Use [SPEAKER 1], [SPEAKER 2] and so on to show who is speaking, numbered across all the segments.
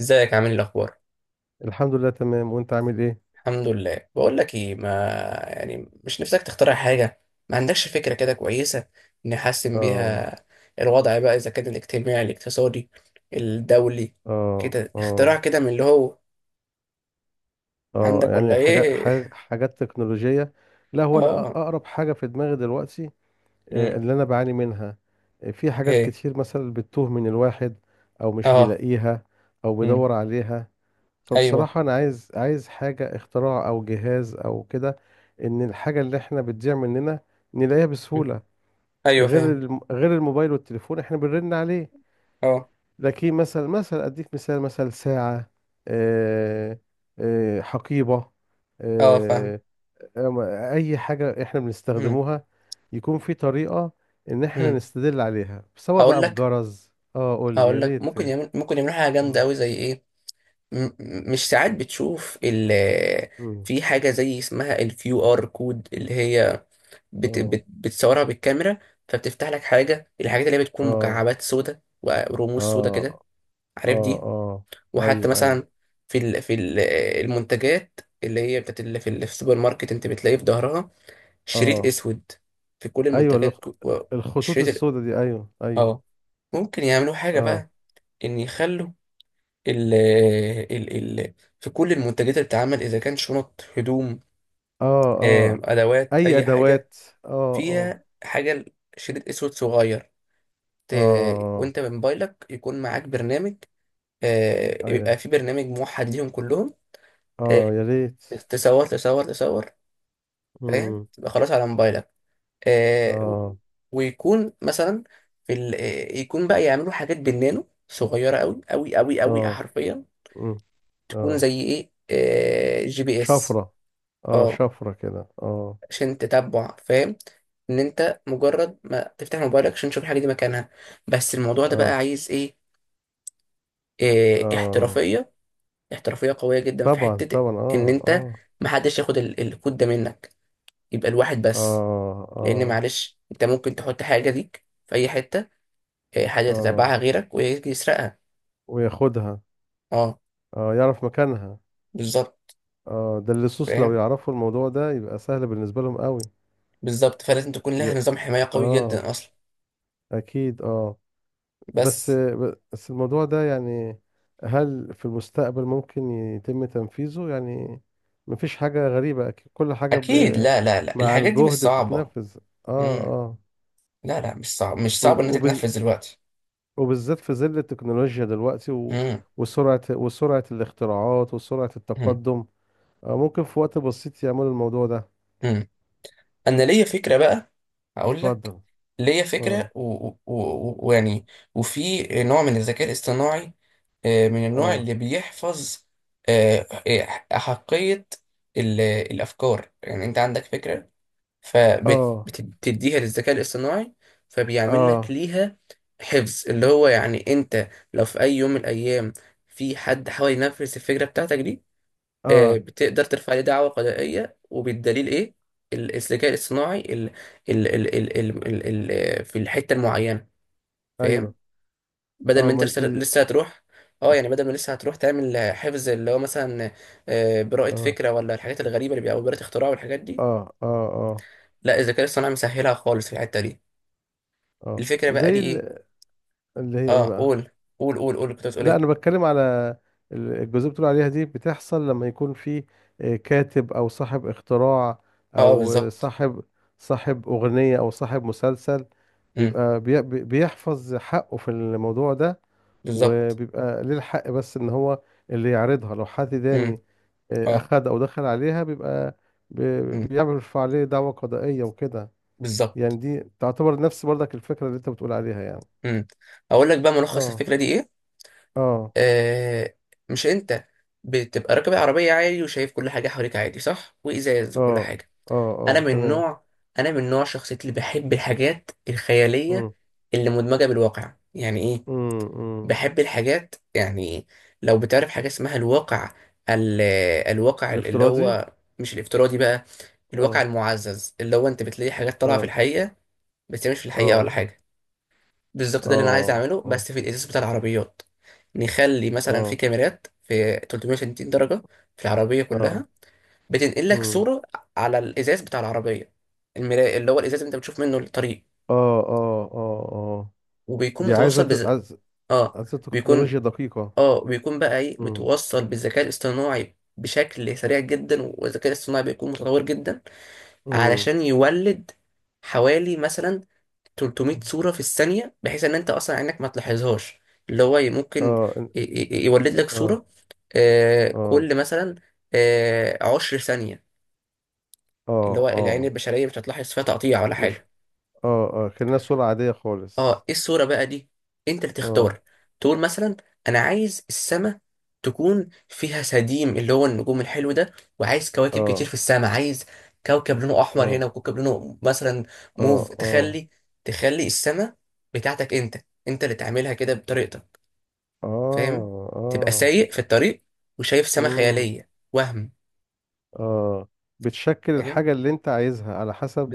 [SPEAKER 1] ازيك؟ عامل ايه؟ الاخبار؟
[SPEAKER 2] الحمد لله تمام. وانت عامل ايه؟
[SPEAKER 1] الحمد لله. بقول لك ايه، ما يعني مش نفسك تخترع حاجه؟ ما عندكش فكره كده كويسه نحسن
[SPEAKER 2] اه.
[SPEAKER 1] بيها الوضع بقى، اذا كان الاجتماعي، الاقتصادي، الدولي،
[SPEAKER 2] اه.
[SPEAKER 1] كده
[SPEAKER 2] اه.
[SPEAKER 1] اختراع كده، من اللي هو
[SPEAKER 2] اه.
[SPEAKER 1] عندك ولا
[SPEAKER 2] يعني حاجات
[SPEAKER 1] ايه؟
[SPEAKER 2] حاجات تكنولوجية. لا، هو انا
[SPEAKER 1] اه.
[SPEAKER 2] اقرب حاجة في دماغي دلوقتي،
[SPEAKER 1] امم.
[SPEAKER 2] اللي انا بعاني منها. في حاجات
[SPEAKER 1] ايه.
[SPEAKER 2] كتير مثلا بتتوه من الواحد، او مش
[SPEAKER 1] اه.
[SPEAKER 2] بيلاقيها، او
[SPEAKER 1] امم.
[SPEAKER 2] بيدور عليها.
[SPEAKER 1] ايوه.
[SPEAKER 2] فبصراحة انا عايز حاجة، اختراع او جهاز او كده، ان الحاجة اللي احنا بتضيع مننا نلاقيها
[SPEAKER 1] مم.
[SPEAKER 2] بسهولة.
[SPEAKER 1] ايوه،
[SPEAKER 2] غير
[SPEAKER 1] فاهم.
[SPEAKER 2] غير الموبايل والتليفون احنا بنرن عليه.
[SPEAKER 1] اه
[SPEAKER 2] لكن مثلا اديك مثال، مثلا ساعة، آه، حقيبة،
[SPEAKER 1] اه، فاهم.
[SPEAKER 2] آه، أم- اي حاجة احنا
[SPEAKER 1] امم.
[SPEAKER 2] بنستخدموها، يكون في طريقة ان احنا
[SPEAKER 1] امم.
[SPEAKER 2] نستدل عليها، سواء
[SPEAKER 1] هقول
[SPEAKER 2] بقى
[SPEAKER 1] لك.
[SPEAKER 2] بجرز، قول لي
[SPEAKER 1] هقول
[SPEAKER 2] يا
[SPEAKER 1] لك،
[SPEAKER 2] ريت.
[SPEAKER 1] ممكن يعملوا حاجه جامده
[SPEAKER 2] اه.
[SPEAKER 1] قوي، زي ايه؟ مش ساعات بتشوف
[SPEAKER 2] مم.
[SPEAKER 1] في حاجة زي اسمها QR code، اللي هي بت
[SPEAKER 2] اه.
[SPEAKER 1] بت بتصورها بالكاميرا، فبتفتح لك حاجة. الحاجات اللي هي بتكون
[SPEAKER 2] اه.
[SPEAKER 1] مكعبات سودة ورموز سودة كده،
[SPEAKER 2] اه. اه.
[SPEAKER 1] عارف دي؟
[SPEAKER 2] آه.
[SPEAKER 1] وحتى
[SPEAKER 2] ايوه، ايوه.
[SPEAKER 1] مثلا في المنتجات، اللي هي بتاعت اللي في السوبر ماركت، انت بتلاقي في ظهرها شريط
[SPEAKER 2] اه،
[SPEAKER 1] اسود في كل
[SPEAKER 2] ايوه
[SPEAKER 1] المنتجات.
[SPEAKER 2] الخطوط
[SPEAKER 1] شريط ال-
[SPEAKER 2] السوداء دي، ايوه ايوه.
[SPEAKER 1] اه، ممكن يعملوا حاجة
[SPEAKER 2] اه.
[SPEAKER 1] بقى، ان يخلوا ال ال في كل المنتجات اللي بتتعمل، اذا كان شنط، هدوم،
[SPEAKER 2] اه. اه.
[SPEAKER 1] ادوات،
[SPEAKER 2] اي
[SPEAKER 1] اي حاجه
[SPEAKER 2] ادوات. اه. اه.
[SPEAKER 1] فيها حاجه، شريط اسود صغير.
[SPEAKER 2] اه.
[SPEAKER 1] وانت بموبايلك يكون معاك برنامج.
[SPEAKER 2] أي-
[SPEAKER 1] يبقى في برنامج موحد ليهم كلهم. آه،
[SPEAKER 2] اه، يا ريت.
[SPEAKER 1] تصور تصور تصور. فاهم؟
[SPEAKER 2] امم.
[SPEAKER 1] تبقى خلاص على موبايلك. آه، و-
[SPEAKER 2] اه.
[SPEAKER 1] ويكون مثلا في ال... آه، يكون بقى، يعملوا حاجات بالنانو صغيره قوي قوي قوي قوي،
[SPEAKER 2] اه.
[SPEAKER 1] حرفيا.
[SPEAKER 2] امم.
[SPEAKER 1] تكون
[SPEAKER 2] اه،
[SPEAKER 1] زي ايه، GPS،
[SPEAKER 2] شفرة. اه،
[SPEAKER 1] اه
[SPEAKER 2] شفرة كده، اه.
[SPEAKER 1] عشان تتبع. فاهم؟ ان انت مجرد ما تفتح موبايلك عشان تشوف الحاجه دي مكانها. بس الموضوع ده بقى
[SPEAKER 2] اه.
[SPEAKER 1] عايز ايه،
[SPEAKER 2] اه.
[SPEAKER 1] احترافيه. احترافيه قويه جدا في
[SPEAKER 2] طبعا
[SPEAKER 1] حته
[SPEAKER 2] طبعا،
[SPEAKER 1] ان
[SPEAKER 2] اه
[SPEAKER 1] انت
[SPEAKER 2] اه.
[SPEAKER 1] محدش ياخد الكود ده منك. يبقى الواحد
[SPEAKER 2] اه.
[SPEAKER 1] بس، لان
[SPEAKER 2] اه.
[SPEAKER 1] معلش انت ممكن تحط حاجه ليك في اي حته، حاجه
[SPEAKER 2] اه.
[SPEAKER 1] تتبعها غيرك ويجي يسرقها.
[SPEAKER 2] وياخدها.
[SPEAKER 1] اه،
[SPEAKER 2] اه، يعرف مكانها.
[SPEAKER 1] بالظبط.
[SPEAKER 2] اه، ده اللصوص لو
[SPEAKER 1] فاهم،
[SPEAKER 2] يعرفوا الموضوع ده يبقى سهل بالنسبة لهم قوي.
[SPEAKER 1] بالظبط، فلازم تكون لها
[SPEAKER 2] ي-
[SPEAKER 1] نظام حمايه قوي
[SPEAKER 2] اه،
[SPEAKER 1] جدا اصلا.
[SPEAKER 2] اكيد اه. بس
[SPEAKER 1] بس.
[SPEAKER 2] بس الموضوع ده يعني، هل في المستقبل ممكن يتم تنفيذه يعني؟ مفيش حاجة غريبة، أكيد كل حاجة ب...
[SPEAKER 1] اكيد، لا لا لا،
[SPEAKER 2] مع
[SPEAKER 1] الحاجات دي مش
[SPEAKER 2] الجهد
[SPEAKER 1] صعبه.
[SPEAKER 2] بتتنفذ. اه.
[SPEAKER 1] مم.
[SPEAKER 2] اه.
[SPEAKER 1] لا لا، مش صعب، مش صعب ان انت
[SPEAKER 2] وبز...
[SPEAKER 1] تنفذ دلوقتي.
[SPEAKER 2] وبالذات في ظل التكنولوجيا دلوقتي و...
[SPEAKER 1] مم.
[SPEAKER 2] وسرعة الاختراعات وسرعة
[SPEAKER 1] مم.
[SPEAKER 2] التقدم. ممكن في وقت بسيط يعملوا الموضوع ده.
[SPEAKER 1] مم. انا ليا فكره بقى. هقول لك.
[SPEAKER 2] اتفضل.
[SPEAKER 1] ليا
[SPEAKER 2] اه.
[SPEAKER 1] فكره، ويعني، ويعني، وفي نوع من الذكاء الاصطناعي، من النوع
[SPEAKER 2] اه.
[SPEAKER 1] اللي بيحفظ، آه، آه، احقيه الافكار. يعني انت عندك فكره
[SPEAKER 2] اه.
[SPEAKER 1] فبتديها للذكاء الاصطناعي، فبيعمل لك
[SPEAKER 2] اه.
[SPEAKER 1] ليها حفظ، اللي هو يعني انت لو في اي يوم من الايام في حد حاول ينفذ الفكره بتاعتك دي،
[SPEAKER 2] اه.
[SPEAKER 1] بتقدر ترفع عليه دعوة قضائية، وبالدليل ايه؟ الذكاء الاصطناعي ال في الحتة المعينة. فاهم؟
[SPEAKER 2] ايوه.
[SPEAKER 1] بدل ما
[SPEAKER 2] اه
[SPEAKER 1] انت لسه لسه هتروح. اه، يعني بدل ما لسه هتروح تعمل حفظ اللي هو مثلا براءة
[SPEAKER 2] اه.
[SPEAKER 1] فكرة ولا الحاجات الغريبة اللي بيبقى، أو براءة اختراع والحاجات
[SPEAKER 2] اه.
[SPEAKER 1] دي.
[SPEAKER 2] اه. اه.
[SPEAKER 1] لا، الذكاء الاصطناعي مسهلها خالص في الحتة دي.
[SPEAKER 2] آه.
[SPEAKER 1] الفكرة بقى دي
[SPEAKER 2] زي
[SPEAKER 1] ايه؟
[SPEAKER 2] ال... اللي هي ايه
[SPEAKER 1] اه،
[SPEAKER 2] بقى؟
[SPEAKER 1] قول قول قول قول، كنت بتقول
[SPEAKER 2] لا،
[SPEAKER 1] ايه؟
[SPEAKER 2] انا بتكلم على الجزئيه اللي بتقول عليها دي، بتحصل لما يكون في كاتب او صاحب اختراع،
[SPEAKER 1] اه،
[SPEAKER 2] او
[SPEAKER 1] بالظبط.
[SPEAKER 2] صاحب اغنيه او صاحب مسلسل،
[SPEAKER 1] امم.
[SPEAKER 2] بيبقى بيحفظ حقه في الموضوع ده.
[SPEAKER 1] بالظبط.
[SPEAKER 2] وبيبقى ليه الحق بس ان هو اللي يعرضها. لو حد
[SPEAKER 1] امم.
[SPEAKER 2] تاني
[SPEAKER 1] اه.
[SPEAKER 2] اخد او دخل عليها، بيبقى
[SPEAKER 1] امم.
[SPEAKER 2] بيرفع عليه دعوى قضائيه وكده. يعني
[SPEAKER 1] بالظبط.
[SPEAKER 2] دي تعتبر نفس برضك الفكره اللي انت بتقول عليها يعني.
[SPEAKER 1] امم. اقول لك بقى ملخص
[SPEAKER 2] اه.
[SPEAKER 1] الفكرة دي ايه.
[SPEAKER 2] اه.
[SPEAKER 1] آه مش انت بتبقى راكب العربية عادي وشايف كل حاجة حواليك عادي، صح؟ وإزاز وكل
[SPEAKER 2] اه.
[SPEAKER 1] حاجة.
[SPEAKER 2] اه.
[SPEAKER 1] أنا
[SPEAKER 2] اه،
[SPEAKER 1] من
[SPEAKER 2] تمام.
[SPEAKER 1] نوع أنا من نوع شخصيتي اللي بحب الحاجات الخيالية
[SPEAKER 2] امم.
[SPEAKER 1] اللي مدمجة بالواقع، يعني إيه؟
[SPEAKER 2] امم. امم.
[SPEAKER 1] بحب الحاجات يعني، لو بتعرف حاجة اسمها الواقع، ال الواقع، اللي
[SPEAKER 2] الافتراضي.
[SPEAKER 1] هو مش الافتراضي بقى، الواقع
[SPEAKER 2] اه.
[SPEAKER 1] المعزز، اللي هو أنت بتلاقي حاجات طالعة في
[SPEAKER 2] اه.
[SPEAKER 1] الحقيقة بس هي مش في الحقيقة
[SPEAKER 2] اه.
[SPEAKER 1] ولا حاجة. بالظبط، ده اللي انا عايز
[SPEAKER 2] اه.
[SPEAKER 1] اعمله،
[SPEAKER 2] اه.
[SPEAKER 1] بس في الازاز بتاع العربيات. نخلي مثلا في
[SPEAKER 2] اه.
[SPEAKER 1] كاميرات في 360 درجه في العربيه
[SPEAKER 2] اه.
[SPEAKER 1] كلها، بتنقل لك
[SPEAKER 2] امم.
[SPEAKER 1] صوره على الازاز بتاع العربيه، المراية، اللي هو الازاز اللي انت بتشوف منه الطريق،
[SPEAKER 2] اه. اه. اه. اه،
[SPEAKER 1] وبيكون
[SPEAKER 2] دي عايزه
[SPEAKER 1] متوصل بز...
[SPEAKER 2] عايزه
[SPEAKER 1] اه
[SPEAKER 2] عايزه
[SPEAKER 1] بيكون
[SPEAKER 2] تكنولوجيا دقيقه.
[SPEAKER 1] اه بيكون بقى ايه،
[SPEAKER 2] امم.
[SPEAKER 1] متوصل بالذكاء الاصطناعي بشكل سريع جدا، والذكاء الاصطناعي بيكون متطور جدا
[SPEAKER 2] امم.
[SPEAKER 1] علشان يولد حوالي مثلا 300 صورة في الثانية، بحيث ان انت اصلا عينك ما تلاحظهاش، اللي هو ممكن
[SPEAKER 2] اه
[SPEAKER 1] يولد لك
[SPEAKER 2] اه.
[SPEAKER 1] صورة
[SPEAKER 2] اه.
[SPEAKER 1] كل مثلا 10 ثانية،
[SPEAKER 2] اه.
[SPEAKER 1] اللي هو العين
[SPEAKER 2] اه.
[SPEAKER 1] البشرية مش هتلاحظ فيها تقطيع ولا
[SPEAKER 2] مش.
[SPEAKER 1] حاجة.
[SPEAKER 2] اه، اه، كأنها صورة عادية
[SPEAKER 1] اه،
[SPEAKER 2] خالص.
[SPEAKER 1] ايه الصورة بقى دي؟ انت اللي
[SPEAKER 2] اه.
[SPEAKER 1] تختار. تقول مثلا، انا عايز السماء تكون فيها سديم، اللي هو النجوم الحلو ده، وعايز كواكب كتير
[SPEAKER 2] اه.
[SPEAKER 1] في السماء، عايز كوكب لونه احمر
[SPEAKER 2] اه.
[SPEAKER 1] هنا، وكوكب لونه مثلا
[SPEAKER 2] اه.
[SPEAKER 1] موف،
[SPEAKER 2] اه.
[SPEAKER 1] تخلي السماء بتاعتك انت، انت اللي تعملها كده بطريقتك. فاهم؟
[SPEAKER 2] اه.
[SPEAKER 1] تبقى
[SPEAKER 2] اه.
[SPEAKER 1] سايق في الطريق وشايف سماء
[SPEAKER 2] امم.
[SPEAKER 1] خيالية وهم.
[SPEAKER 2] اه، بتشكل
[SPEAKER 1] فاهم،
[SPEAKER 2] الحاجة اللي انت عايزها على حسب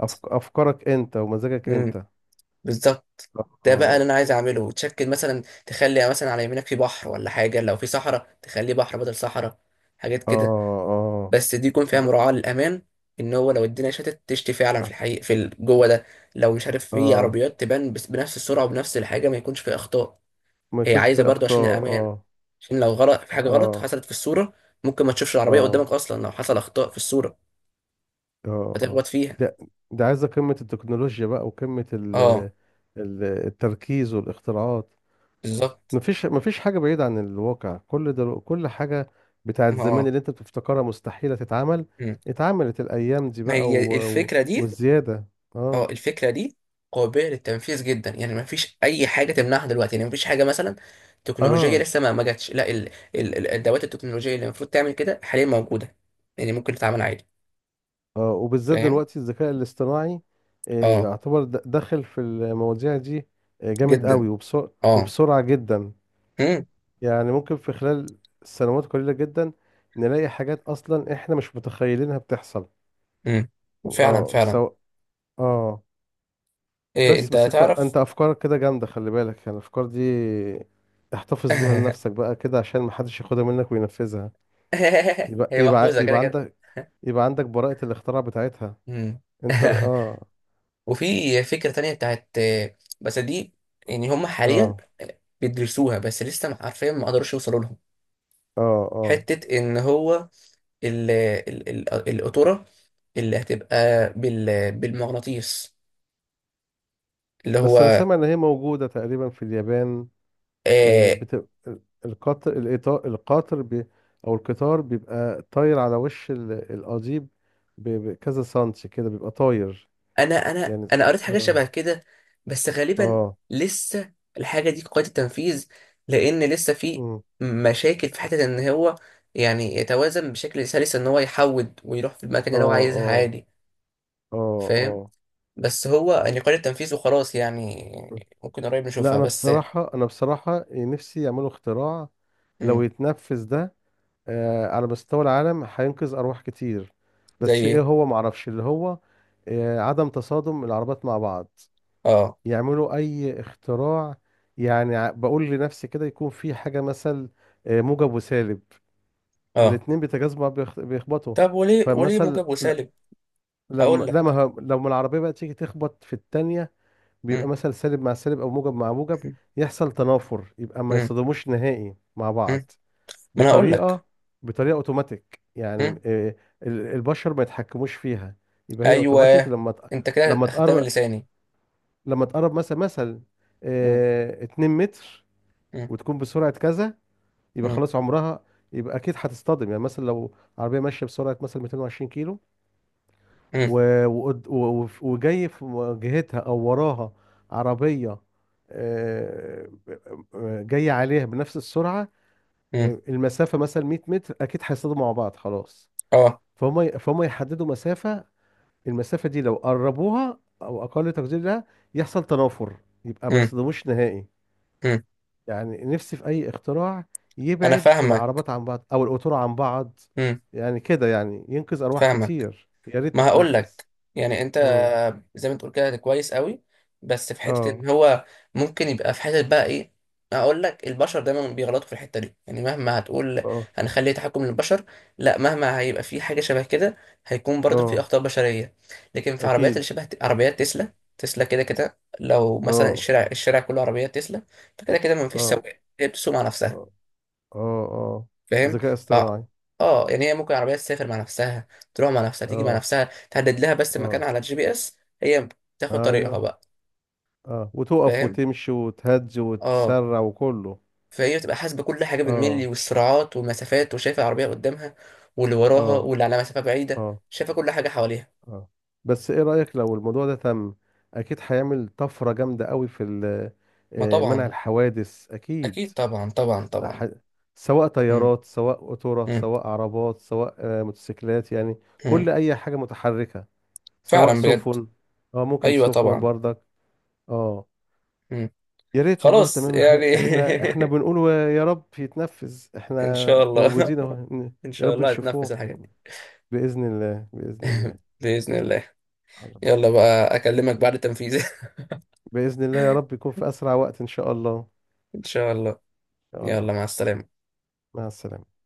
[SPEAKER 2] أفك... افكارك انت ومزاجك انت.
[SPEAKER 1] بالظبط، ده بقى اللي
[SPEAKER 2] اه.
[SPEAKER 1] انا عايز اعمله. تشكل مثلا، تخلي مثلا على يمينك في بحر ولا حاجه، لو في صحراء تخليه بحر بدل صحراء، حاجات
[SPEAKER 2] اه.
[SPEAKER 1] كده.
[SPEAKER 2] اه.
[SPEAKER 1] بس دي يكون فيها
[SPEAKER 2] د-
[SPEAKER 1] مراعاه للامان، ان هو لو الدنيا تشتي فعلا في الحقيقه جوه ده، لو مش عارف، في
[SPEAKER 2] اه،
[SPEAKER 1] عربيات تبان بس بنفس السرعه وبنفس الحاجه، ما يكونش في اخطاء.
[SPEAKER 2] ما
[SPEAKER 1] هي
[SPEAKER 2] يكونش
[SPEAKER 1] عايزه
[SPEAKER 2] فيه
[SPEAKER 1] برضو عشان
[SPEAKER 2] اخطاء
[SPEAKER 1] الامان،
[SPEAKER 2] اه.
[SPEAKER 1] عشان لو غلط في حاجه، غلط
[SPEAKER 2] اه.
[SPEAKER 1] حصلت في الصوره، ممكن ما تشوفش العربيه
[SPEAKER 2] اه.
[SPEAKER 1] قدامك اصلا لو حصل اخطاء في الصوره،
[SPEAKER 2] اه. اه
[SPEAKER 1] فتخبط فيها.
[SPEAKER 2] ده، عايزة قمة التكنولوجيا بقى، وقمة ال...
[SPEAKER 1] اه،
[SPEAKER 2] التركيز والاختراعات.
[SPEAKER 1] بالظبط.
[SPEAKER 2] مفيش حاجة بعيدة عن الواقع. كل حاجة بتاعت
[SPEAKER 1] ما
[SPEAKER 2] زمان
[SPEAKER 1] اه
[SPEAKER 2] اللي انت بتفتكرها مستحيلة تتعمل،
[SPEAKER 1] مم.
[SPEAKER 2] اتعملت الأيام دي
[SPEAKER 1] ما
[SPEAKER 2] بقى،
[SPEAKER 1] هي
[SPEAKER 2] و... و...
[SPEAKER 1] الفكره دي.
[SPEAKER 2] والزيادة.
[SPEAKER 1] اه،
[SPEAKER 2] اه.
[SPEAKER 1] الفكره دي قابله للتنفيذ جدا، يعني ما فيش اي حاجه تمنعها دلوقتي، يعني ما فيش حاجه مثلا تكنولوجيه
[SPEAKER 2] اه.
[SPEAKER 1] لسه ما جاتش. لا، الادوات التكنولوجيه اللي المفروض تعمل كده حاليا موجوده، يعني ممكن تتعمل عادي.
[SPEAKER 2] اه، وبالذات
[SPEAKER 1] فاهم.
[SPEAKER 2] دلوقتي الذكاء الاصطناعي آه،
[SPEAKER 1] اه.
[SPEAKER 2] يعتبر داخل في المواضيع دي، جامد
[SPEAKER 1] جدا.
[SPEAKER 2] قوي وبسرعة
[SPEAKER 1] اه.
[SPEAKER 2] وبسرعة جدا.
[SPEAKER 1] امم.
[SPEAKER 2] يعني ممكن في خلال سنوات قليلة جدا، نلاقي حاجات أصلا احنا مش متخيلينها بتحصل.
[SPEAKER 1] امم. فعلا
[SPEAKER 2] اه،
[SPEAKER 1] فعلا.
[SPEAKER 2] سواء. اه.
[SPEAKER 1] إيه
[SPEAKER 2] بس
[SPEAKER 1] انت
[SPEAKER 2] بس انت
[SPEAKER 1] تعرف؟
[SPEAKER 2] انت افكارك كده جامده، خلي بالك يعني الافكار دي احتفظ بيها لنفسك بقى كده، عشان محدش ياخدها منك وينفذها. يبقى،
[SPEAKER 1] هي
[SPEAKER 2] يبقى
[SPEAKER 1] محفوظه كده
[SPEAKER 2] يبقى
[SPEAKER 1] كده.
[SPEAKER 2] عندك، يبقى عندك براءة الاختراع بتاعتها
[SPEAKER 1] امم.
[SPEAKER 2] انت. اه.
[SPEAKER 1] وفي فكره تانية بتاعت، بس دي يعني هم حاليا
[SPEAKER 2] اه.
[SPEAKER 1] بيدرسوها، بس لسه عارفين ما قدروش يوصلوا لها،
[SPEAKER 2] اه. اه.
[SPEAKER 1] حتة إن هو ال القطورة اللي هتبقى بالمغناطيس، اللي
[SPEAKER 2] بس انا
[SPEAKER 1] هو
[SPEAKER 2] سامع ان هي موجوده تقريبا في اليابان.
[SPEAKER 1] آه.
[SPEAKER 2] بت... القطر بي... او القطار بيبقى طاير على وش ال... القضيب، ب... بكذا سنتي كده بيبقى طاير يعني.
[SPEAKER 1] أنا قريت حاجة
[SPEAKER 2] اه.
[SPEAKER 1] شبه كده. بس غالبا
[SPEAKER 2] اه.
[SPEAKER 1] لسه الحاجة دي قيد التنفيذ، لأن لسه في
[SPEAKER 2] مم.
[SPEAKER 1] مشاكل في حتة إن هو يعني يتوازن بشكل سلس، إن هو يحود ويروح في المكان
[SPEAKER 2] اه.
[SPEAKER 1] اللي هو عايزها
[SPEAKER 2] اه.
[SPEAKER 1] عادي.
[SPEAKER 2] اه.
[SPEAKER 1] فاهم.
[SPEAKER 2] اه.
[SPEAKER 1] بس هو يعني قيد التنفيذ وخلاص يعني، ممكن قريب
[SPEAKER 2] لا،
[SPEAKER 1] نشوفها.
[SPEAKER 2] انا
[SPEAKER 1] بس.
[SPEAKER 2] بصراحة، نفسي يعملوا اختراع، لو
[SPEAKER 1] مم.
[SPEAKER 2] يتنفذ ده على مستوى العالم هينقذ ارواح كتير.
[SPEAKER 1] زي
[SPEAKER 2] بس ايه،
[SPEAKER 1] إيه؟
[SPEAKER 2] هو معرفش اللي هو عدم تصادم العربات مع بعض.
[SPEAKER 1] آه.
[SPEAKER 2] يعملوا اي اختراع. يعني بقول لنفسي كده، يكون في حاجة مثل موجب وسالب،
[SPEAKER 1] آه.
[SPEAKER 2] الاتنين بيتجاذبوا بيخبطوا.
[SPEAKER 1] طب وليه، وليه
[SPEAKER 2] فمثل،
[SPEAKER 1] موجب
[SPEAKER 2] لا،
[SPEAKER 1] وسالب؟
[SPEAKER 2] لما
[SPEAKER 1] هقول لك.
[SPEAKER 2] لما لو ما العربية بقى تيجي تخبط في التانية، بيبقى
[SPEAKER 1] مم،
[SPEAKER 2] مثلا سالب مع سالب او موجب مع موجب،
[SPEAKER 1] مم،
[SPEAKER 2] يحصل تنافر، يبقى ما
[SPEAKER 1] مم،
[SPEAKER 2] يصطدموش نهائي مع
[SPEAKER 1] مم.
[SPEAKER 2] بعض.
[SPEAKER 1] ما انا هقول لك.
[SPEAKER 2] بطريقه، اوتوماتيك يعني،
[SPEAKER 1] مم.
[SPEAKER 2] البشر ما يتحكموش فيها، يبقى هي اوتوماتيك.
[SPEAKER 1] ايوه، انت كده
[SPEAKER 2] لما
[SPEAKER 1] اخدتها من
[SPEAKER 2] تقرب
[SPEAKER 1] لساني.
[SPEAKER 2] لما تقرب مثلا،
[SPEAKER 1] مم،
[SPEAKER 2] 2 متر،
[SPEAKER 1] مم،
[SPEAKER 2] وتكون بسرعه كذا، يبقى
[SPEAKER 1] مم،
[SPEAKER 2] خلاص عمرها، يبقى اكيد هتصطدم. يعني مثلا لو عربيه ماشيه بسرعه مثلا 220 كيلو،
[SPEAKER 1] مم،
[SPEAKER 2] وجاي في مواجهتها او وراها عربيه، آه، جايه عليها بنفس السرعه،
[SPEAKER 1] مم.
[SPEAKER 2] المسافه مثلا 100 متر، اكيد هيصطدموا مع بعض خلاص.
[SPEAKER 1] اه.
[SPEAKER 2] فهم يحددوا مسافه، المسافه دي لو قربوها او اقل تقدير لها، يحصل تنافر، يبقى ما
[SPEAKER 1] مم،
[SPEAKER 2] يصطدموش نهائي.
[SPEAKER 1] مم.
[SPEAKER 2] يعني نفسي في اي اختراع
[SPEAKER 1] انا
[SPEAKER 2] يبعد
[SPEAKER 1] فاهمك.
[SPEAKER 2] العربات عن بعض او القطور عن بعض.
[SPEAKER 1] مم.
[SPEAKER 2] يعني كده يعني ينقذ ارواح
[SPEAKER 1] فاهمك.
[SPEAKER 2] كتير، يا ريت
[SPEAKER 1] ما هقول
[SPEAKER 2] تتنفذ.
[SPEAKER 1] لك، يعني انت
[SPEAKER 2] امم.
[SPEAKER 1] زي ما تقول كده كويس قوي، بس في حته
[SPEAKER 2] اه.
[SPEAKER 1] ان هو ممكن يبقى في حته بقى ايه. اقول لك، البشر دايما بيغلطوا في الحته دي، يعني مهما هتقول
[SPEAKER 2] اه.
[SPEAKER 1] هنخلي تحكم للبشر، لا، مهما هيبقى في حاجه شبه كده هيكون برضه في
[SPEAKER 2] اه،
[SPEAKER 1] اخطاء بشريه. لكن في عربيات
[SPEAKER 2] اكيد.
[SPEAKER 1] اللي شبه عربيات تسلا، تسلا كده كده، لو مثلا
[SPEAKER 2] اه.
[SPEAKER 1] الشارع، الشارع كله عربيات تسلا، فكده كده ما فيش
[SPEAKER 2] اه.
[SPEAKER 1] سواق، هي بتسوق مع نفسها.
[SPEAKER 2] اه. اه. اه.
[SPEAKER 1] فاهم.
[SPEAKER 2] ذكاء
[SPEAKER 1] ف
[SPEAKER 2] اصطناعي.
[SPEAKER 1] اه، يعني هي ممكن العربيه تسافر مع نفسها، تروح مع نفسها، تيجي مع
[SPEAKER 2] اه.
[SPEAKER 1] نفسها، تحدد لها بس مكان
[SPEAKER 2] اه.
[SPEAKER 1] على GPS، هي تاخد طريقها
[SPEAKER 2] ايوه.
[SPEAKER 1] بقى.
[SPEAKER 2] اه، وتقف
[SPEAKER 1] فاهم.
[SPEAKER 2] وتمشي وتهج
[SPEAKER 1] اه.
[SPEAKER 2] وتسرع وكله.
[SPEAKER 1] فهي بتبقى حاسبه كل حاجه بالملي،
[SPEAKER 2] اه.
[SPEAKER 1] والسرعات والمسافات، وشايفه العربيه قدامها واللي وراها
[SPEAKER 2] اه.
[SPEAKER 1] واللي على مسافه بعيده،
[SPEAKER 2] اه.
[SPEAKER 1] شايفه كل حاجه حواليها.
[SPEAKER 2] اه. بس ايه رأيك لو الموضوع ده تم؟ اكيد هيعمل طفرة جامدة قوي في
[SPEAKER 1] ما
[SPEAKER 2] منع
[SPEAKER 1] طبعا.
[SPEAKER 2] الحوادث، اكيد.
[SPEAKER 1] اكيد، طبعا طبعا طبعا.
[SPEAKER 2] ح- سواء
[SPEAKER 1] مم.
[SPEAKER 2] طيارات، سواء قطورة،
[SPEAKER 1] مم.
[SPEAKER 2] سواء عربات، سواء موتوسيكلات، يعني
[SPEAKER 1] مم.
[SPEAKER 2] كل اي حاجة متحركة، سواء
[SPEAKER 1] فعلا بجد.
[SPEAKER 2] سفن. اه، ممكن
[SPEAKER 1] ايوه،
[SPEAKER 2] سفن
[SPEAKER 1] طبعا.
[SPEAKER 2] برضك. اه.
[SPEAKER 1] مم.
[SPEAKER 2] يا ريت والله،
[SPEAKER 1] خلاص
[SPEAKER 2] تمام.
[SPEAKER 1] يعني.
[SPEAKER 2] احنا بنقول يا رب يتنفذ،
[SPEAKER 1] ان شاء
[SPEAKER 2] احنا
[SPEAKER 1] الله.
[SPEAKER 2] موجودين اهو
[SPEAKER 1] ان
[SPEAKER 2] يا
[SPEAKER 1] شاء
[SPEAKER 2] رب
[SPEAKER 1] الله هتنفذ
[SPEAKER 2] نشوفوه،
[SPEAKER 1] الحاجات دي.
[SPEAKER 2] بإذن الله، بإذن الله.
[SPEAKER 1] باذن الله.
[SPEAKER 2] خلاص
[SPEAKER 1] يلا
[SPEAKER 2] ماشي.
[SPEAKER 1] بقى، اكلمك بعد التنفيذ.
[SPEAKER 2] بإذن الله، يا رب يكون في أسرع وقت إن شاء الله.
[SPEAKER 1] ان شاء الله.
[SPEAKER 2] إن شاء
[SPEAKER 1] يلا،
[SPEAKER 2] الله.
[SPEAKER 1] مع السلامة.
[SPEAKER 2] مع السلامة.